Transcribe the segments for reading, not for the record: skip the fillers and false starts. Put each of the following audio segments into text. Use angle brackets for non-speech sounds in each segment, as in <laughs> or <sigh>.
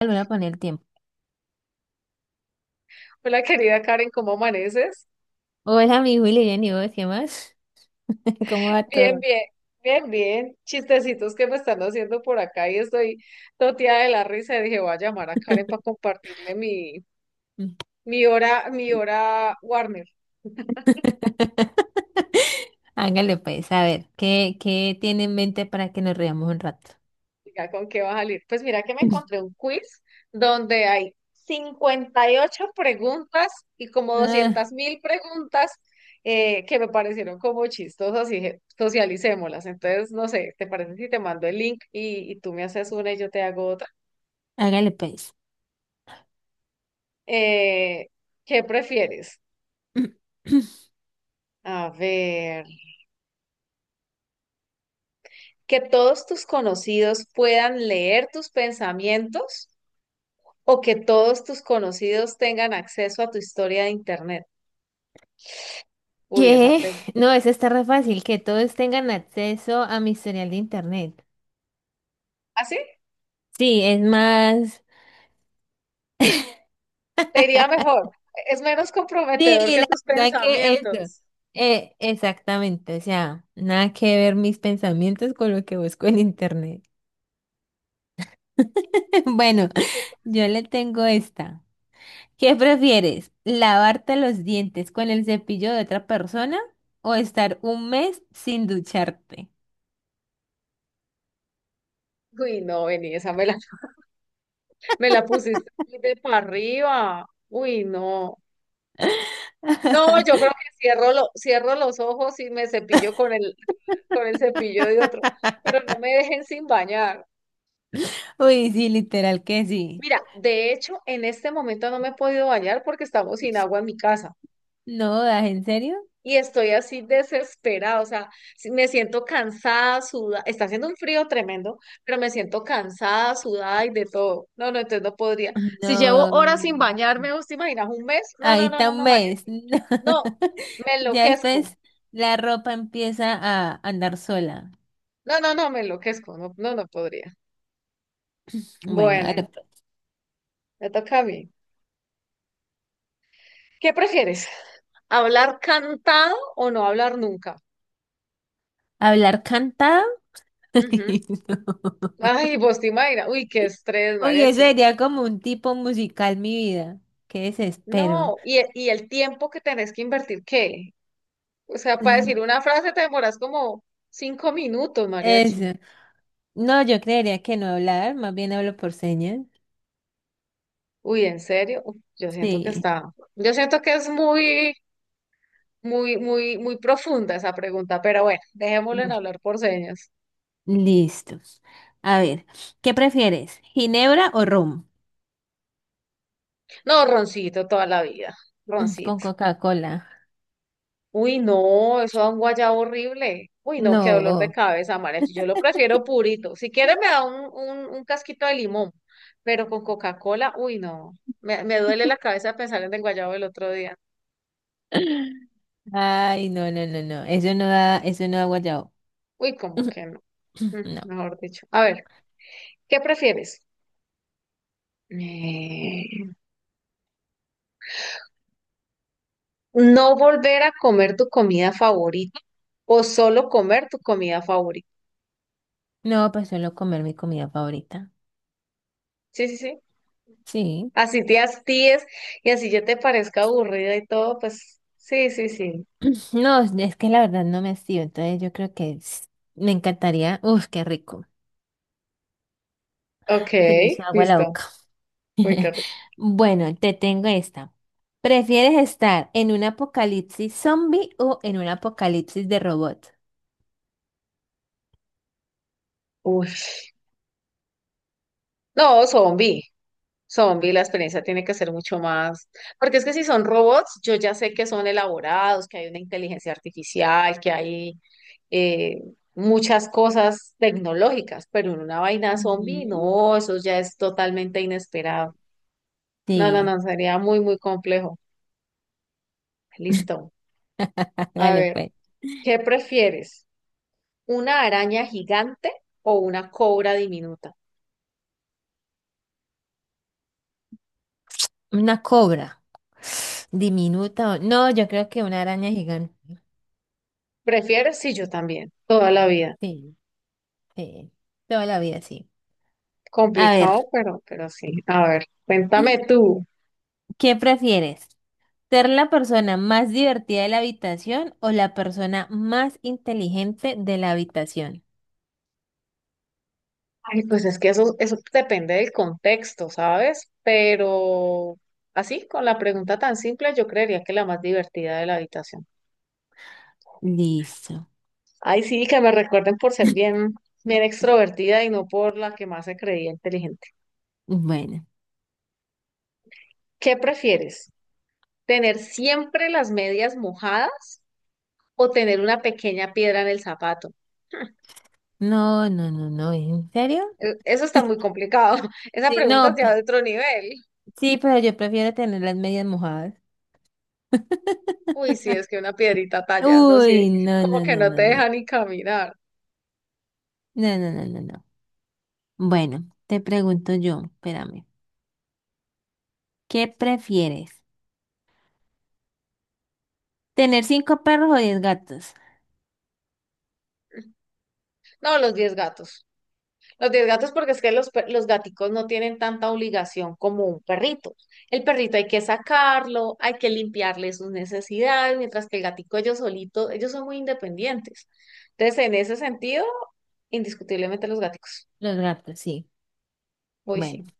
Le voy el tiempo. Hola querida Karen, ¿cómo amaneces? Hola, mi Willy, bien, ¿y vos qué más? <laughs> ¿Cómo va Bien, todo? bien, bien, bien. Chistecitos que me están haciendo por acá y estoy toteada de la risa. Y dije, voy a llamar a Karen para compartirle <laughs> mi hora Warner. <laughs> Hágale pues, a ver, ¿qué tiene en mente para que nos riamos un rato? Diga, ¿con qué va a salir? Pues mira que me encontré <clears throat> un quiz donde hay 58 preguntas y como Ah, 200.000 preguntas que me parecieron como chistosas y dije, socialicémoslas. Entonces, no sé, ¿te parece si te mando el link y tú me haces una y yo te hago otra? hágale pues. Eh, ¿Qué prefieres? <clears throat> A ver, ¿que todos tus conocidos puedan leer tus pensamientos o que todos tus conocidos tengan acceso a tu historia de internet? Uy, esa ¿Qué? pregunta. No, eso está re fácil, que todos tengan acceso a mi historial de internet. ¿Así? Sí, es más. Te iría <laughs> mejor. Es menos comprometedor Sí, que la tus verdad que eso. pensamientos. Exactamente, o sea, nada que ver mis pensamientos con lo que busco en internet. <laughs> Bueno, ¿Qué pa- yo le tengo esta. ¿Qué prefieres? ¿Lavarte los dientes con el cepillo de otra persona o estar un mes sin ducharte? Uy, no, vení, me la pusiste muy de para arriba. Uy, no. No, yo creo <laughs> que cierro los ojos y me cepillo con el cepillo de otro, pero no me dejen sin bañar. Uy, sí, literal que sí. Mira, de hecho, en este momento no me he podido bañar porque estamos sin agua en mi casa No, ¿das en serio? y estoy así desesperada, o sea, me siento cansada, sudada, está haciendo un frío tremendo, pero me siento cansada, sudada y de todo. No, no, entonces no podría. Si llevo No. horas sin bañarme, ¿vos te imaginas un mes? No, Ahí no, no, está no, un no, María. mes. <laughs> Sí. No, No. me Ya enloquezco. después la ropa empieza a andar sola. No, no, no, me enloquezco, no, no, no podría. Bueno, Bueno, hágale, pues. me toca a mí. ¿Qué prefieres? ¿Hablar cantado o no hablar nunca? Hablar cantado. Ujú. <laughs> No. Ay, vos te imaginas, uy, qué estrés, Uy, eso mariachi. sería como un tipo musical, mi vida. Qué desespero. No, y el tiempo que tenés que invertir, ¿qué? O sea, para Mm, decir una frase te demoras como 5 minutos, mariachi. Eso. No, yo creería que no hablar, más bien hablo por señas. Uy, ¿en serio? Uf, Sí. Yo siento que es muy, muy, muy, muy profunda esa pregunta, pero bueno, dejémoslo en Bueno, hablar por señas. listos. A ver, ¿qué prefieres? ¿Ginebra o rum? No, roncito toda la vida, Con roncito. Coca-Cola. Uy, no, eso da un guayabo horrible. Uy, no, qué dolor de No. cabeza, María. Yo lo prefiero purito. Si quiere me da un casquito de limón, pero con Coca-Cola, uy, no. Me duele la cabeza pensar en el guayabo del otro día. Ay, no, no, no, no. Eso no da guayabo. Uy, como que no. Mm, <clears throat> No. mejor dicho. A ver, ¿qué prefieres? Eh, ¿No volver a comer tu comida favorita o solo comer tu comida favorita? No, pues suelo comer mi comida favorita. Sí, sí, sí. Sí. Así te hastíes y así ya te parezca aburrida y todo, pues sí, sí, sí. <clears throat> No, es que la verdad no me hacía, entonces yo creo que me encantaría. Uf, qué rico. Ok, Se me hizo agua la listo. boca. Uy, qué <laughs> rico. Bueno, te tengo esta. ¿Prefieres estar en un apocalipsis zombie o en un apocalipsis de robot? Uy. No, zombie. Zombie, la experiencia tiene que ser mucho más. Porque es que si son robots, yo ya sé que son elaborados, que hay una inteligencia artificial, que hay eh, muchas cosas tecnológicas, pero en una vaina zombie, Ujú. no, eso ya es totalmente inesperado. No, no, Sí, no, sería muy, muy complejo. Listo. <laughs> A dale ver, pues. ¿qué prefieres? ¿Una araña gigante o una cobra diminuta? Una cobra. Diminuta. No, yo creo que una araña gigante. ¿Prefieres? Sí, yo también, toda la vida. Sí, sí. Toda la vida sí. A ver, Complicado, pero sí. A ver, cuéntame tú. ¿qué prefieres? ¿Ser la persona más divertida de la habitación o la persona más inteligente de la habitación? Ay, pues es que eso depende del contexto, ¿sabes? Pero así, con la pregunta tan simple, yo creería que la más divertida de la habitación. Listo. Ay, sí, que me recuerden por ser <laughs> bien, bien extrovertida y no por la que más se creía inteligente. Bueno, ¿Qué prefieres? ¿Tener siempre las medias mojadas o tener una pequeña piedra en el zapato? no, no, no, no, ¿en serio? Eso está muy complicado. <laughs> Esa Sí, pregunta es no, ya de otro nivel. sí, pero yo prefiero tener las medias mojadas. <laughs> Uy, sí, es que una piedrita tallando, sí, Uy, no, como no, que no, no te no, no, deja ni caminar. no, no, no, no, no. Bueno, te pregunto yo, espérame, ¿qué prefieres? ¿Tener cinco perros o diez gatos? No, los 10 gatos. Los 10 gatos porque es que los gaticos no tienen tanta obligación como un perrito. El perrito hay que sacarlo, hay que limpiarle sus necesidades, mientras que el gatico ellos solitos, ellos son muy independientes. Entonces, en ese sentido, indiscutiblemente los gaticos. Los gatos, sí. Uy, Bueno, sí.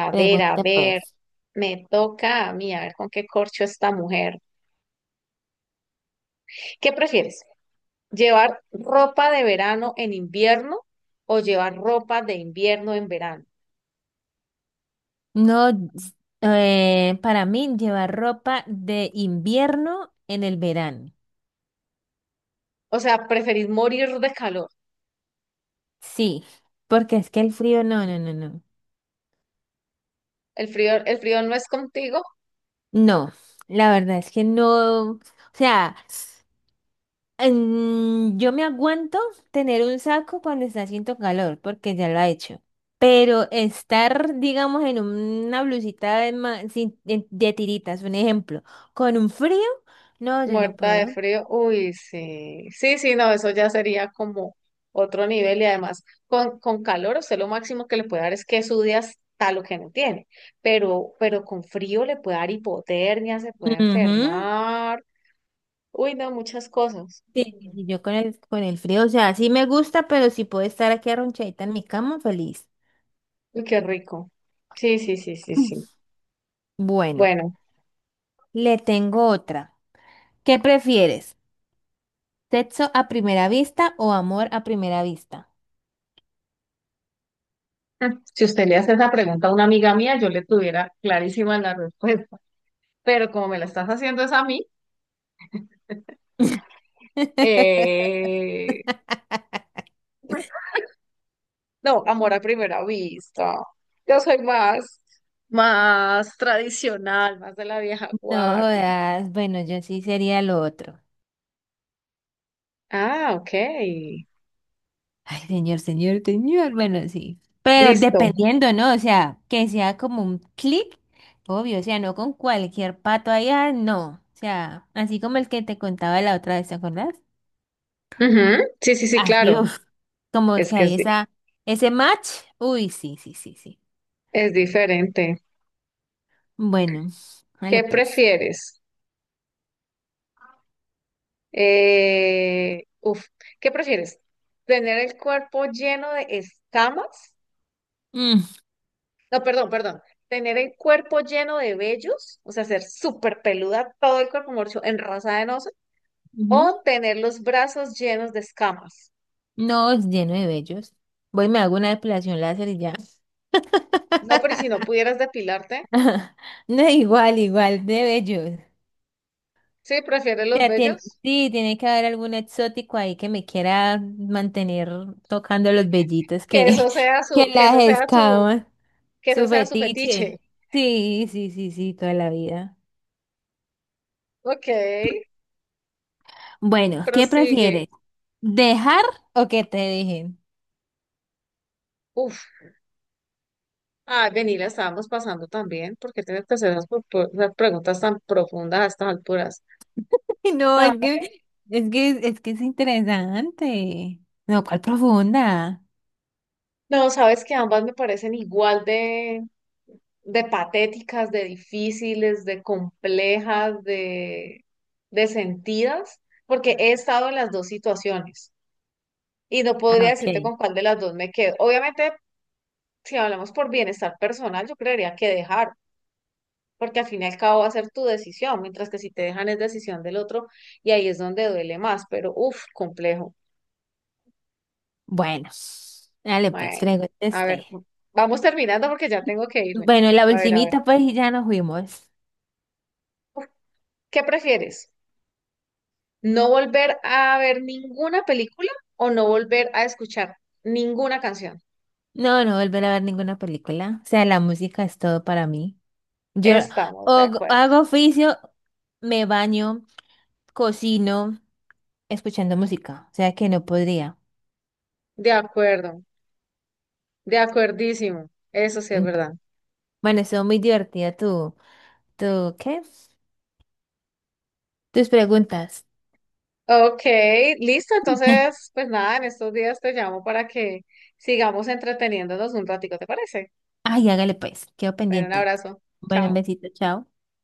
A pregunta ver, pues. me toca a mí, a ver con qué corcho esta mujer. ¿Qué prefieres? ¿Llevar ropa de verano en invierno o llevar ropa de invierno en verano? No, s- para mí llevar ropa de invierno en el verano. O sea, ¿preferís morir de calor? Sí, porque es que el frío, no, no, no, no. El frío no es contigo, No, la verdad es que no. O sea, yo me aguanto tener un saco cuando está haciendo calor, porque ya lo ha hecho. Pero estar, digamos, en una blusita de, ma- sin- de tiritas, un ejemplo, con un frío, no, yo no muerta de puedo. frío. Uy, sí. Sí, sí, no, eso ya sería como otro nivel y además con calor usted lo máximo que le puede dar es que sude hasta lo que no tiene, pero con frío le puede dar hipotermia, se puede Ujú. enfermar. Uy, no, muchas cosas. Sí, sí, sí, yo con el, frío, o sea, sí me gusta, pero si puedo estar aquí arronchadita en mi cama, feliz. <clears throat> Uy, qué rico. Sí, sí, sí, sí, sí. Mm. Bueno, Bueno, le tengo otra. ¿Qué prefieres? ¿Sexo a primera vista o amor a primera vista? si usted le hace esa pregunta a una amiga mía, yo le tuviera clarísima la respuesta. Pero como me la estás haciendo es a mí, <laughs> eh, no, amor a primera vista. Yo soy más, más tradicional, más de la vieja No guardia. jodas, bueno, yo sí sería lo otro. Ah, ok. Ay, señor, señor, señor, bueno, sí. Pero Listo. dependiendo, ¿no? O sea, que sea como un clic, obvio, o sea, no con cualquier pato allá, no. O sea, así como el que te contaba la otra vez, ¿te acuerdas? Ujú. Sí, sí, sí, Ah, claro. Dios, como Es que que hay es, di- esa, ese match. Uy, sí, sí, sí, sí. es diferente. Bueno, vale ¿Qué pues. prefieres? Eh, uf, ¿Qué prefieres? ¿Tener el cuerpo lleno de escamas Mm, no, perdón, perdón. Tener el cuerpo lleno de vellos, o sea, ser súper peluda, todo el cuerpo morcho, enrasada en oso, o ujú. tener los brazos llenos de escamas. No, es lleno de vellos. Voy, y me hago una depilación láser y ya. No, pero ¿y si no <laughs> pudieras depilarte, No, igual, igual, de bellos. sí, prefieres O los sea, vellos, sí, tiene que haber algún exótico ahí que me quiera mantener tocando los vellitos que, que eso sea <laughs> que su, que eso las sea su, escaman. que eso Su sea su fetiche. fetiche. Sí, sí, sí, sí, toda la vida. Ok, Bueno, ¿qué prosigue. prefieres? ¿Dejar o que te dejen? Uf, ah, vení, la estábamos pasando también, porque tienes que hacer esas preguntas tan profundas a estas alturas. <laughs> No, Ah, es que es interesante. No, ¿cuál profunda? no, sabes que ambas me parecen igual de patéticas, de difíciles, de complejas, de sentidas, porque he estado en las dos situaciones y no Ah, podría ok. decirte con cuál de las dos me quedo. Obviamente, si hablamos por bienestar personal, yo creería que dejar, porque al fin y al cabo va a ser tu decisión, mientras que si te dejan es decisión del otro y ahí es donde duele más, pero uff, complejo. Bueno, dale pues, Bueno, pregúntese a usted. ver, vamos terminando porque ya tengo que irme. Bueno, la A ver, ultimita pues y ya nos fuimos. ¿qué prefieres? No volver a ver ninguna película o no volver a escuchar ninguna canción. No, no volver a ver ninguna película. O sea, la música es todo para mí. Yo Estamos de acuerdo. hago oficio, me baño, cocino, escuchando música. O sea que no podría. De acuerdo. De acuerdísimo. Eso sí es Mm. verdad. Bueno, estuvo muy divertida tu, ¿qué? Tus preguntas. Ok, listo. <laughs> Entonces, pues nada, en estos días te llamo para que sigamos entreteniéndonos un ratico, ¿te parece? Ay, hágale pues, quedo Bueno, un pendiente. abrazo. Bueno, un Chao. besito, chao.